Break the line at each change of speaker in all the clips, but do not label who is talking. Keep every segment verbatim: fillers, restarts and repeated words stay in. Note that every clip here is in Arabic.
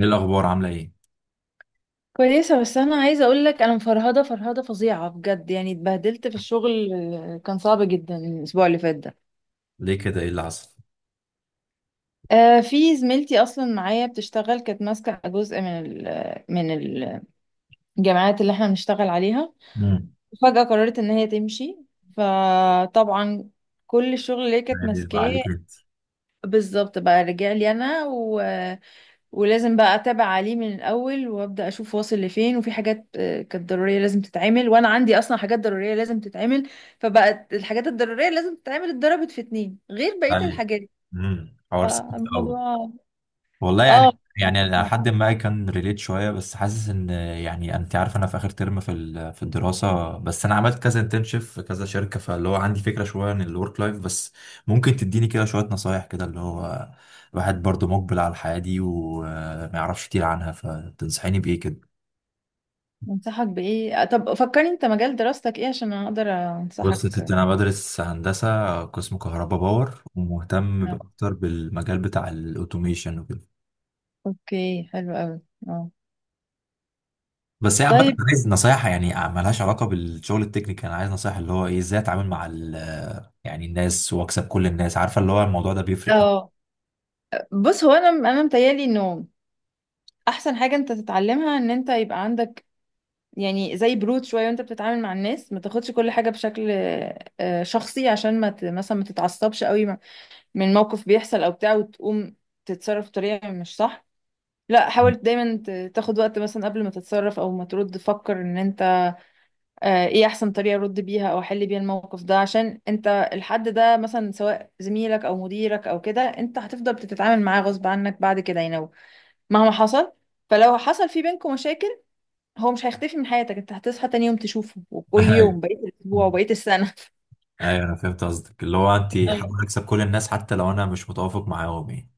ايه الاخبار؟ عامله ايه؟
كويسة، بس أنا عايزة أقولك أنا مفرهدة فرهدة فظيعة بجد يعني اتبهدلت في الشغل، آه، كان صعب جدا الأسبوع اللي فات ده.
ليه كده؟ ايه اللي حصل؟
آه، في زميلتي أصلا معايا بتشتغل كانت ماسكة جزء من ال من الجامعات اللي احنا بنشتغل عليها.
امم.
فجأة قررت إن هي تمشي. فطبعا كل الشغل اللي هي كانت ماسكاه
يبقى عليك انت.
بالظبط بقى رجع لي أنا. ولازم بقى اتابع عليه من الاول وابدا اشوف واصل لفين، وفي حاجات آه، كانت ضروريه لازم تتعمل، وانا عندي اصلا حاجات ضروريه لازم تتعمل. فبقت الحاجات الضروريه لازم تتعمل اتضربت في اتنين غير بقيه
عليك.
الحاجات.
امم. حوار سخيف قوي.
فالموضوع
والله،
اه
يعني يعني أنا
صعب.
لحد ما كان ريليت شويه، بس حاسس ان، يعني، انت عارف، انا في اخر ترم في ال- في الدراسه. بس انا عملت كذا انترنشيب في كذا شركه، فاللي هو عندي فكره شويه عن الورك لايف. بس ممكن تديني كده شويه نصايح، كده اللي هو الواحد برضو مقبل على الحياه دي وما يعرفش كتير عنها؟ فتنصحيني بايه كده؟
انصحك بايه؟ آه، طب فكرني انت مجال دراستك ايه عشان اقدر
بص يا
انصحك.
ستي، أنا بدرس هندسة قسم كهرباء باور، ومهتم ب-
آه،
أكتر بالمجال بتاع الأوتوميشن وكده.
اوكي، حلو قوي. اه،
بس هي عامة،
طيب.
عايز نصايح يعني ملهاش علاقة بالشغل التكنيكال. أنا عايز نصايح اللي هو إيه، إزاي أتعامل مع ال آه، يعني الناس وأكسب كل الناس، عارفة، اللي هو الموضوع ده بيفرق أوي.
اه. بص، هو انا انا متهيألي انه احسن حاجه انت تتعلمها ان انت يبقى عندك يعني زي برود شوية وانت بتتعامل مع الناس، ما تاخدش كل حاجة بشكل آه، شخصي، عشان ما ت- مثلا ما تتعصبش قوي م- من موقف بيحصل او بتاع وتقوم تتصرف بطريقة مش صح. لا، حاول دايما ت- تاخد وقت مثلا قبل ما تتصرف او ما ترد. فكر ان انت آه، ايه احسن طريقة ارد بيها او احل بيها الموقف ده، عشان انت الحد ده، مثلا سواء زميلك او مديرك او كده، انت هتفضل بتتعامل معاه غصب عنك بعد كده. يعني لو مهما حصل، فلو حصل في بينكم مشاكل، هو مش هيختفي من حياتك. انت هتصحى تاني يوم تشوفه، وكل
أيوه.
يوم بقية الأسبوع وبقية السنة.
أيوه، أنا فهمت قصدك اللي هو أنت
أيوة.
حابة أكسب كل الناس حتى لو أنا مش متوافق معاهم يعني.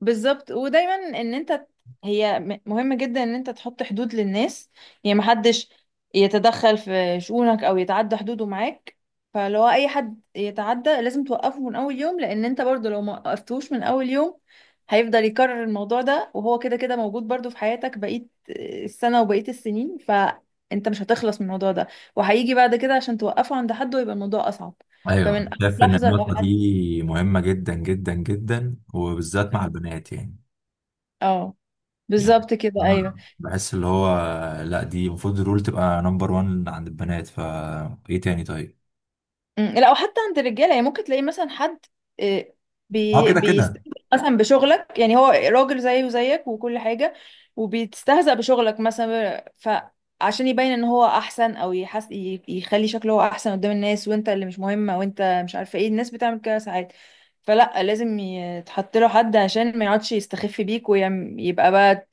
بالظبط. ودايما ان انت ت- هي م- مهم جدا ان انت تحط حدود للناس. يعني محدش يتدخل في شؤونك او يتعدى حدوده معاك. فلو اي حد يتعدى لازم توقفه من اول يوم، لان انت برضو لو ما وقفتوش من اول يوم هيفضل يكرر الموضوع ده، وهو كده كده موجود برضو في حياتك، بقية السنة وبقية السنين، فانت مش هتخلص من الموضوع ده. وهيجي بعد كده عشان توقفه عند حد، ويبقى الموضوع اصعب.
أيوه، أنا
فمن أول
شايف إن
لحظة لو
النقطة
حد.
دي مهمة جدا جدا جدا، وبالذات مع البنات يعني.
اه،
يعني
بالظبط كده، ايوه.
أنا بحس اللي هو، لا، دي المفروض الرول تبقى نمبر واحد عند البنات. فا ايه تاني؟ طيب.
مم. لا، وحتى عند الرجاله يعني ممكن تلاقي مثلا حد آه،
اه،
بي
كده كده.
بيستهزأ مثلا بشغلك، يعني هو راجل زيه وزيك وكل حاجه، وبيتستهزأ بشغلك مثلا، فعشان يبين ان هو احسن او يحس ي- يخلي شكله هو احسن قدام الناس، وانت اللي مش مهمه. وانت مش عارفه ايه، الناس بتعمل كده ساعات. فلا، لازم يتحط له حد عشان ما يقعدش يستخف بيك، ويبقى بقى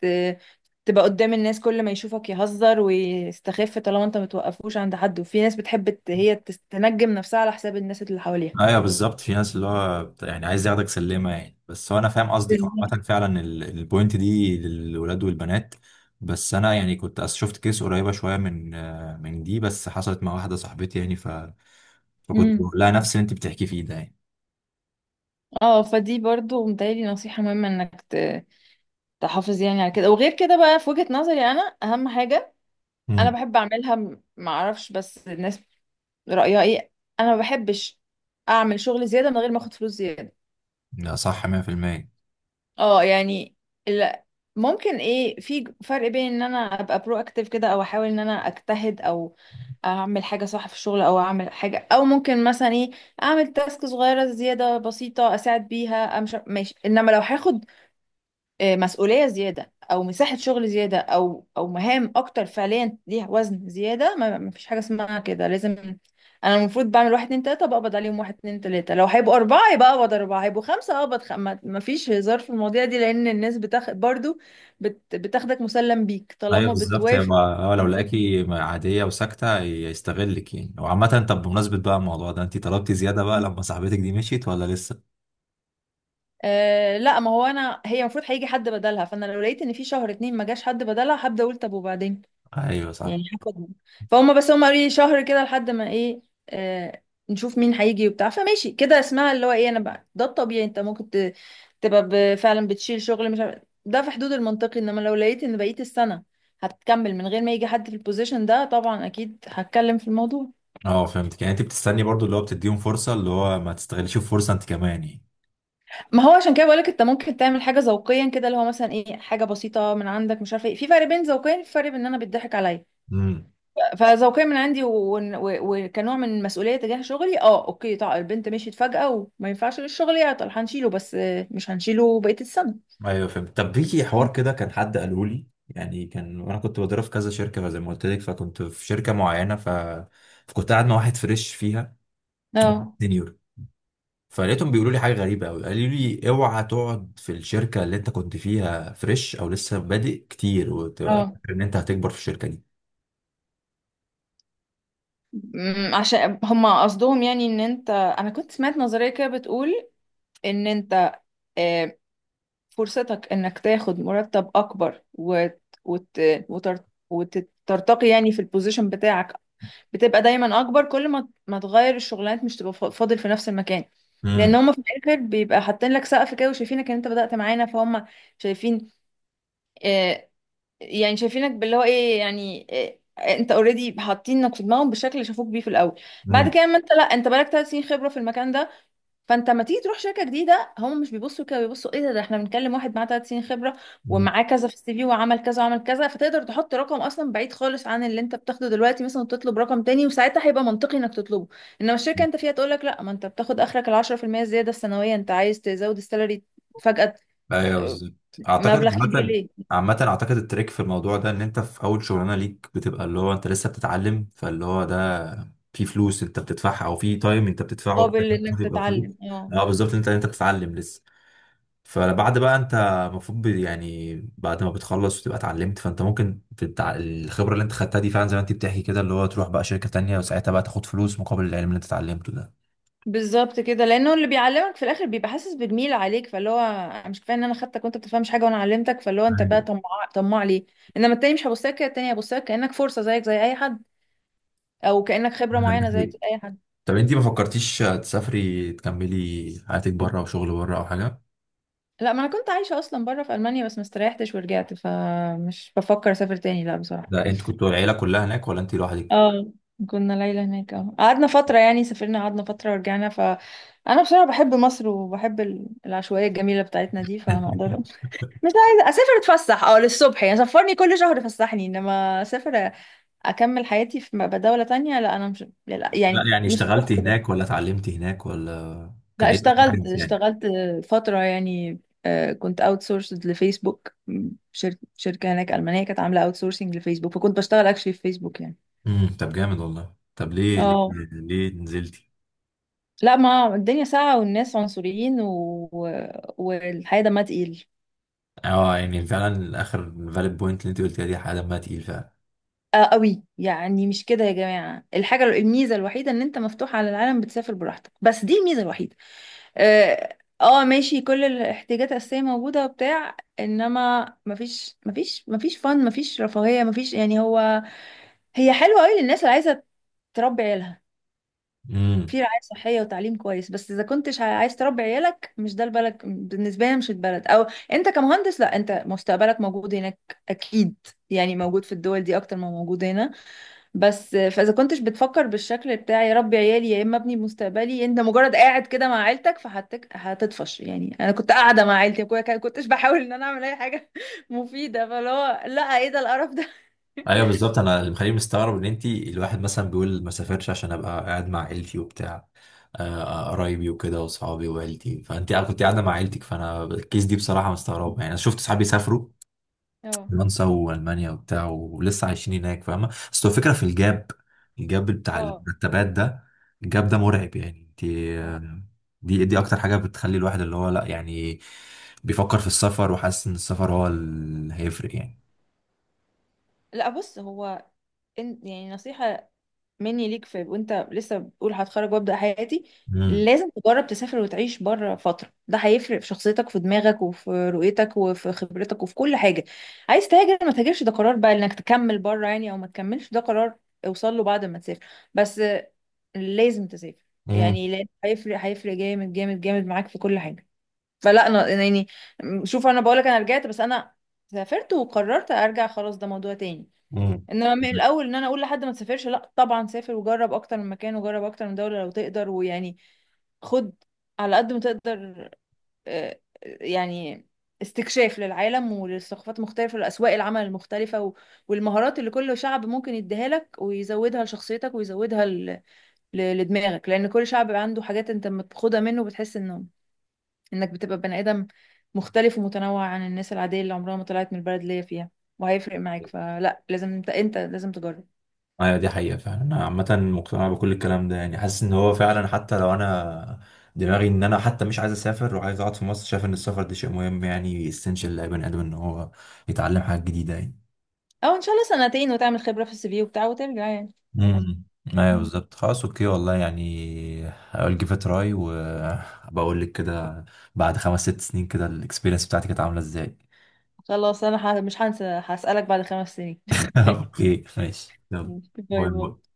تبقى قدام الناس كل ما يشوفك يهزر ويستخف طالما انت متوقفوش عند حد. وفي ناس بتحب ت- هي تس- تنجم نفسها على حساب الناس اللي حواليها.
ايوه بالظبط، في ناس اللي هو بت- يعني عايز ياخدك سلمه يعني. بس هو انا فاهم قصدك.
بالظبط.
عامه فعلا ال- البوينت دي للولاد والبنات. بس انا يعني كنت أس- شفت كيس قريبه شويه من آه، من دي، بس حصلت مع واحده صاحبتي يعني ف... فكنت
امم
بقول لها نفس اللي انت بتحكي فيه ده يعني.
اه، فدي برضو متهيألي نصيحة مهمة انك ت- تحافظ يعني على كده. وغير كده بقى، في وجهة نظري انا، اهم حاجة انا
امم.
بحب اعملها، م- معرفش بس الناس رأيها ايه. انا ما بحبش اعمل شغل زيادة من غير ما اخد فلوس زيادة.
لا، صح مية في المية.
اه يعني. لا، ممكن ايه، في فرق بين ان انا ابقى برو اكتيف كده او احاول ان انا اجتهد او اعمل حاجه صح في الشغل او اعمل حاجه، او ممكن مثلا ايه اعمل تاسك صغيره زياده بسيطه اساعد بيها، امشي ماشي. انما لو هاخد آه، مسؤوليه زياده او مساحه شغل زياده او او مهام اكتر فعليا ليها وزن زياده، ما ما فيش حاجه اسمها كده. لازم انا المفروض بعمل واحد اتنين تلاته، بقبض عليهم واحد اتنين تلاته. لو هيبقوا اربعه يبقى اقبض اربعه، هيبقوا خمسه اقبض خمسه. ما فيش هزار في المواضيع دي، لان الناس بتاخد برضو، بت... بتاخدك مسلم بيك
ايوه
طالما
بالظبط، هي
بتوافق.
ما- هو لو لقاكي عاديه وساكته يستغلك يعني. وعامه، طب بمناسبه بقى الموضوع ده، انت طلبتي زياده بقى لما صاحبتك دي مشيت ولا لسه؟
أه لا، ما هو انا هي المفروض هيجي حد بدلها. فانا لو لقيت ان في شهر اتنين ما جاش حد بدلها هبدا اقول طب وبعدين،
ايوه صح.
يعني هاخدهم. فهم بس هم قالوا لي شهر كده لحد ما ايه، أه، نشوف مين هيجي وبتاع. فماشي كده، اسمها اللي هو ايه، انا بقى، ده الطبيعي. انت ممكن ت- تبقى ب- فعلا بتشيل شغل مش عارف ده في حدود المنطقي. انما لو لقيت ان بقيت السنه هتكمل من غير ما يجي حد في البوزيشن ده طبعا اكيد هتكلم في الموضوع.
اه، فهمتك، يعني انت بتستني برضو اللي هو بتديهم فرصه، اللي هو ما تستغلش الفرصه انت كمان يعني.
ما هو عشان كده بقولك انت ممكن تعمل حاجه ذوقيا كده اللي هو مثلا ايه، حاجه بسيطه من عندك، مش عارفه ايه. في فرق بين ذوقيا، في فرق بين ان انا بيضحك عليا.
امم.
فذوقيا من عندي و- و- وكنوع من مسؤوليه تجاه شغلي. اه اوكي، طبعا البنت مشيت فجاه وما ينفعش للشغل يعطل، هنشيله، بس آه، مش هنشيله بقيه السنه.
ايوه فهمت. طب في حوار كده كان حد قاله لي، يعني كان وانا كنت بدرب في كذا شركه زي ما قلت لك، فكنت في شركه معينه ف... فكنت قاعد مع واحد فريش فيها
اه.
سينيور. فلقيتهم بيقولوا لي حاجه غريبه قوي. قالوا لي اوعى تقعد في الشركه اللي انت كنت فيها فريش او لسه بادئ كتير وتبقى
اه.
فاكر ان انت هتكبر في الشركه دي.
أمم، عشان هما قصدهم يعني ان انت انا كنت سمعت نظريه كده بتقول ان انت آه، فرصتك انك تاخد مرتب اكبر وت... وت... وتر... وترتقي يعني في البوزيشن بتاعك، بتبقى دايما اكبر كل ما ما تغير الشغلانات، مش تبقى فا- فاضل في نفس المكان. لان
امم.
هم في الاخر بيبقى حاطين لك سقف كده، وشايفينك ان انت بدأت معانا فهم شايفين آه يعني شايفينك باللي هو ايه يعني آه انت اوريدي حاطينك في دماغهم بالشكل اللي شافوك بيه في الاول. بعد
امم.
كده اما انت، لا، انت بقالك ثلاث سنين خبرة في المكان ده. فانت لما تيجي تروح شركه جديده هم مش بيبصوا كده، بيبصوا ايه ده، ده احنا بنتكلم واحد معاه ثلاث سنين خبره،
أمم.
ومعاه كذا في سي في وعمل كذا وعمل كذا، فتقدر تحط رقم اصلا بعيد خالص عن اللي انت بتاخده دلوقتي، مثلا تطلب رقم تاني، وساعتها هيبقى منطقي انك تطلبه. انما الشركه انت فيها تقول لك لا، ما انت بتاخد اخرك ال عشرة في المئة الزياده السنويه، انت عايز تزود السالري فجاه ت-
ايوه بالظبط. اعتقد
مبلغ كبير
عامة
ليه؟
عامة اعتقد التريك في الموضوع ده ان انت في اول شغلانة ليك بتبقى اللي هو انت لسه بتتعلم. فاللي هو ده في فلوس انت بتدفعها او في تايم انت بتدفعه
مقابل انك
تبقى فلوس.
تتعلم. اه
اه بالظبط، انت انت بتتعلم لسه. فبعد بقى، انت المفروض ب- يعني بعد ما بتخلص وتبقى اتعلمت فانت ممكن تتع... الخبره اللي انت خدتها دي فعلا، زي ما انت بتحكي كده، اللي هو تروح بقى شركه تانية وساعتها بقى تاخد فلوس مقابل العلم اللي انت اتعلمته ده.
بالظبط كده، لانه اللي بيعلمك في الاخر بيبقى حاسس بالميل عليك، فاللي هو أنا مش كفايه ان انا خدتك وانت بتفهمش حاجه وانا علمتك، فاللي هو انت بقى
ايوه،
طماع. طماع ليه؟ انما التاني مش هبص لك كده، التاني هبص لك كانك فرصه زيك زي اي حد، او كانك خبره
ده
معينه زيك
حقيقي.
زي اي حد.
طب انت ما فكرتيش تسافري تكملي حياتك بره، وشغل بره او حاجه؟
لا، ما انا كنت عايشه اصلا بره في المانيا، بس ما استريحتش ورجعت، فمش بفكر اسافر تاني لا بصراحه.
ده انت كنت العيله كلها هناك ولا انت لوحدك؟
اه كنا ليلة هناك، اه قعدنا فترة يعني، سافرنا قعدنا فترة ورجعنا. فأنا بصراحة بحب مصر، وبحب ال- العشوائية الجميلة بتاعتنا دي، فما أقدر مش عايزة أسافر أتفسح أه للصبح يعني، سفرني كل شهر فسحني. إنما أسافر أكمل حياتي في م- دولة تانية، لا أنا مش، لا
لا
يعني
يعني،
مش
اشتغلتي
الشخص ده.
هناك ولا اتعلمتي هناك، ولا كان
لا،
ايه
اشتغلت
الاكسبيرينس يعني؟
اشتغلت فترة يعني، آه، كنت اوت سورسد لفيسبوك، م، شر- شركة هناك ألمانية كانت عاملة اوت سورسنج لفيسبوك، فكنت بشتغل اكشلي في فيسبوك يعني.
امم. طب جامد والله. طب ليه ليه
اه
ليه نزلتي؟
لا، ما الدنيا ساقعة والناس عنصريين و... والحياة دمها تقيل.
اه، يعني فعلا اخر فاليد بوينت اللي انت قلتيها دي حاجه دمها تقيل فعلا.
آه قوي، يعني مش كده يا جماعة. الحاجة، الميزة الوحيدة ان انت مفتوح على العالم بتسافر براحتك، بس دي الميزة الوحيدة. اه. آه، ماشي، كل الاحتياجات الأساسية موجودة وبتاع، انما مفيش مفيش مفيش فن، مفيش رفاهية، مفيش يعني هو هي حلوة قوي للناس اللي عايزة تربي عيالها
امم.
في رعاية صحية وتعليم كويس. بس اذا كنتش عايز تربي عيالك، مش ده البلد بالنسبة لي. مش البلد. او انت كمهندس، لا انت مستقبلك موجود هناك اكيد يعني، موجود في الدول دي اكتر ما موجود هنا. بس فاذا كنتش بتفكر بالشكل بتاع يا ربي عيالي يا اما ابني مستقبلي، انت مجرد قاعد كده مع عيلتك، فهتك هتطفش. يعني انا كنت قاعده مع عيلتي ما كنتش بحاول ان انا اعمل اي حاجه مفيده، فاللي هو لا، ايه ده القرف ده.
ايوه بالظبط، انا اللي مخليني مستغرب ان انت، الواحد مثلا بيقول ما سافرش عشان ابقى قاعد مع عيلتي وبتاع، آه، آه، قرايبي وكده واصحابي وعيلتي، فانت كنت قاعده مع عيلتك، فانا الكيس دي بصراحه مستغربه يعني. انا شفت صحابي سافروا
اه،
فرنسا والمانيا وبتاع ولسه عايشين هناك، فاهمه. بس هو الفكره في الجاب، الجاب بتاع
اه،
المرتبات ده. الجاب ده مرعب يعني. دي
اه.
دي دي اكتر حاجه بتخلي الواحد اللي هو، لا يعني، بيفكر في السفر وحاسس ان السفر هو اللي هيفرق يعني.
لا، بص هو إن- يعني نصيحة مني ليك، في وانت لسه بتقول هتخرج وابدا حياتي
امم.
لازم تجرب تسافر وتعيش بره فتره. ده هيفرق في شخصيتك، في دماغك، وفي رؤيتك، وفي خبرتك، وفي كل حاجه. عايز تهاجر ما تهاجرش، ده قرار بقى انك تكمل بره يعني او ما تكملش، ده قرار اوصل له بعد ما تسافر. بس آه، لازم تسافر
امم.
يعني، لأن هيفرق هيفرق جامد جامد جامد معاك في كل حاجه. فلا انا أنا يعني، شوف انا بقولك انا رجعت، بس انا سافرت وقررت ارجع، خلاص ده موضوع تاني.
امم.
انما من الاول ان انا اقول لحد ما تسافرش لا، طبعا سافر وجرب اكتر من مكان، وجرب اكتر من دولة لو تقدر، ويعني خد على قد ما تقدر آه، يعني استكشاف للعالم وللثقافات المختلفة ولأسواق العمل المختلفة و- والمهارات اللي كل شعب ممكن يديها لك ويزودها لشخصيتك ويزودها ل- ل- لدماغك، لأن كل شعب عنده حاجات انت لما بتاخدها منه بتحس انه انك بتبقى بني آدم مختلف ومتنوع عن الناس العادية اللي عمرها ما طلعت من البلد اللي هي فيها، وهيفرق معاك. فلا لازم انت انت لازم تجرب.
ايوه دي حقيقة فعلا. انا عامة مقتنع بكل الكلام ده يعني. حاسس ان هو فعلا، حتى لو انا دماغي ان انا حتى مش عايز اسافر وعايز اقعد في مصر، شايف ان السفر ده شيء مهم يعني، اسينشال لاي بني ادم ان هو يتعلم حاجات جديدة يعني.
او ان شاء الله سنتين وتعمل خبرة في سي في وبتاع وترجع يعني عادي.
امم. ايوه
مم.
بالظبط، خلاص، اوكي. والله يعني هقول جيف تراي وبقول لك كده بعد خمس ست سنين كده الاكسبيرينس بتاعتي كانت عاملة ازاي.
خلاص انا ح- مش هنسى، هسألك بعد خمس سنين.
اوكي ماشي، يلا.
ماشي. باي
باي
باي.
باي.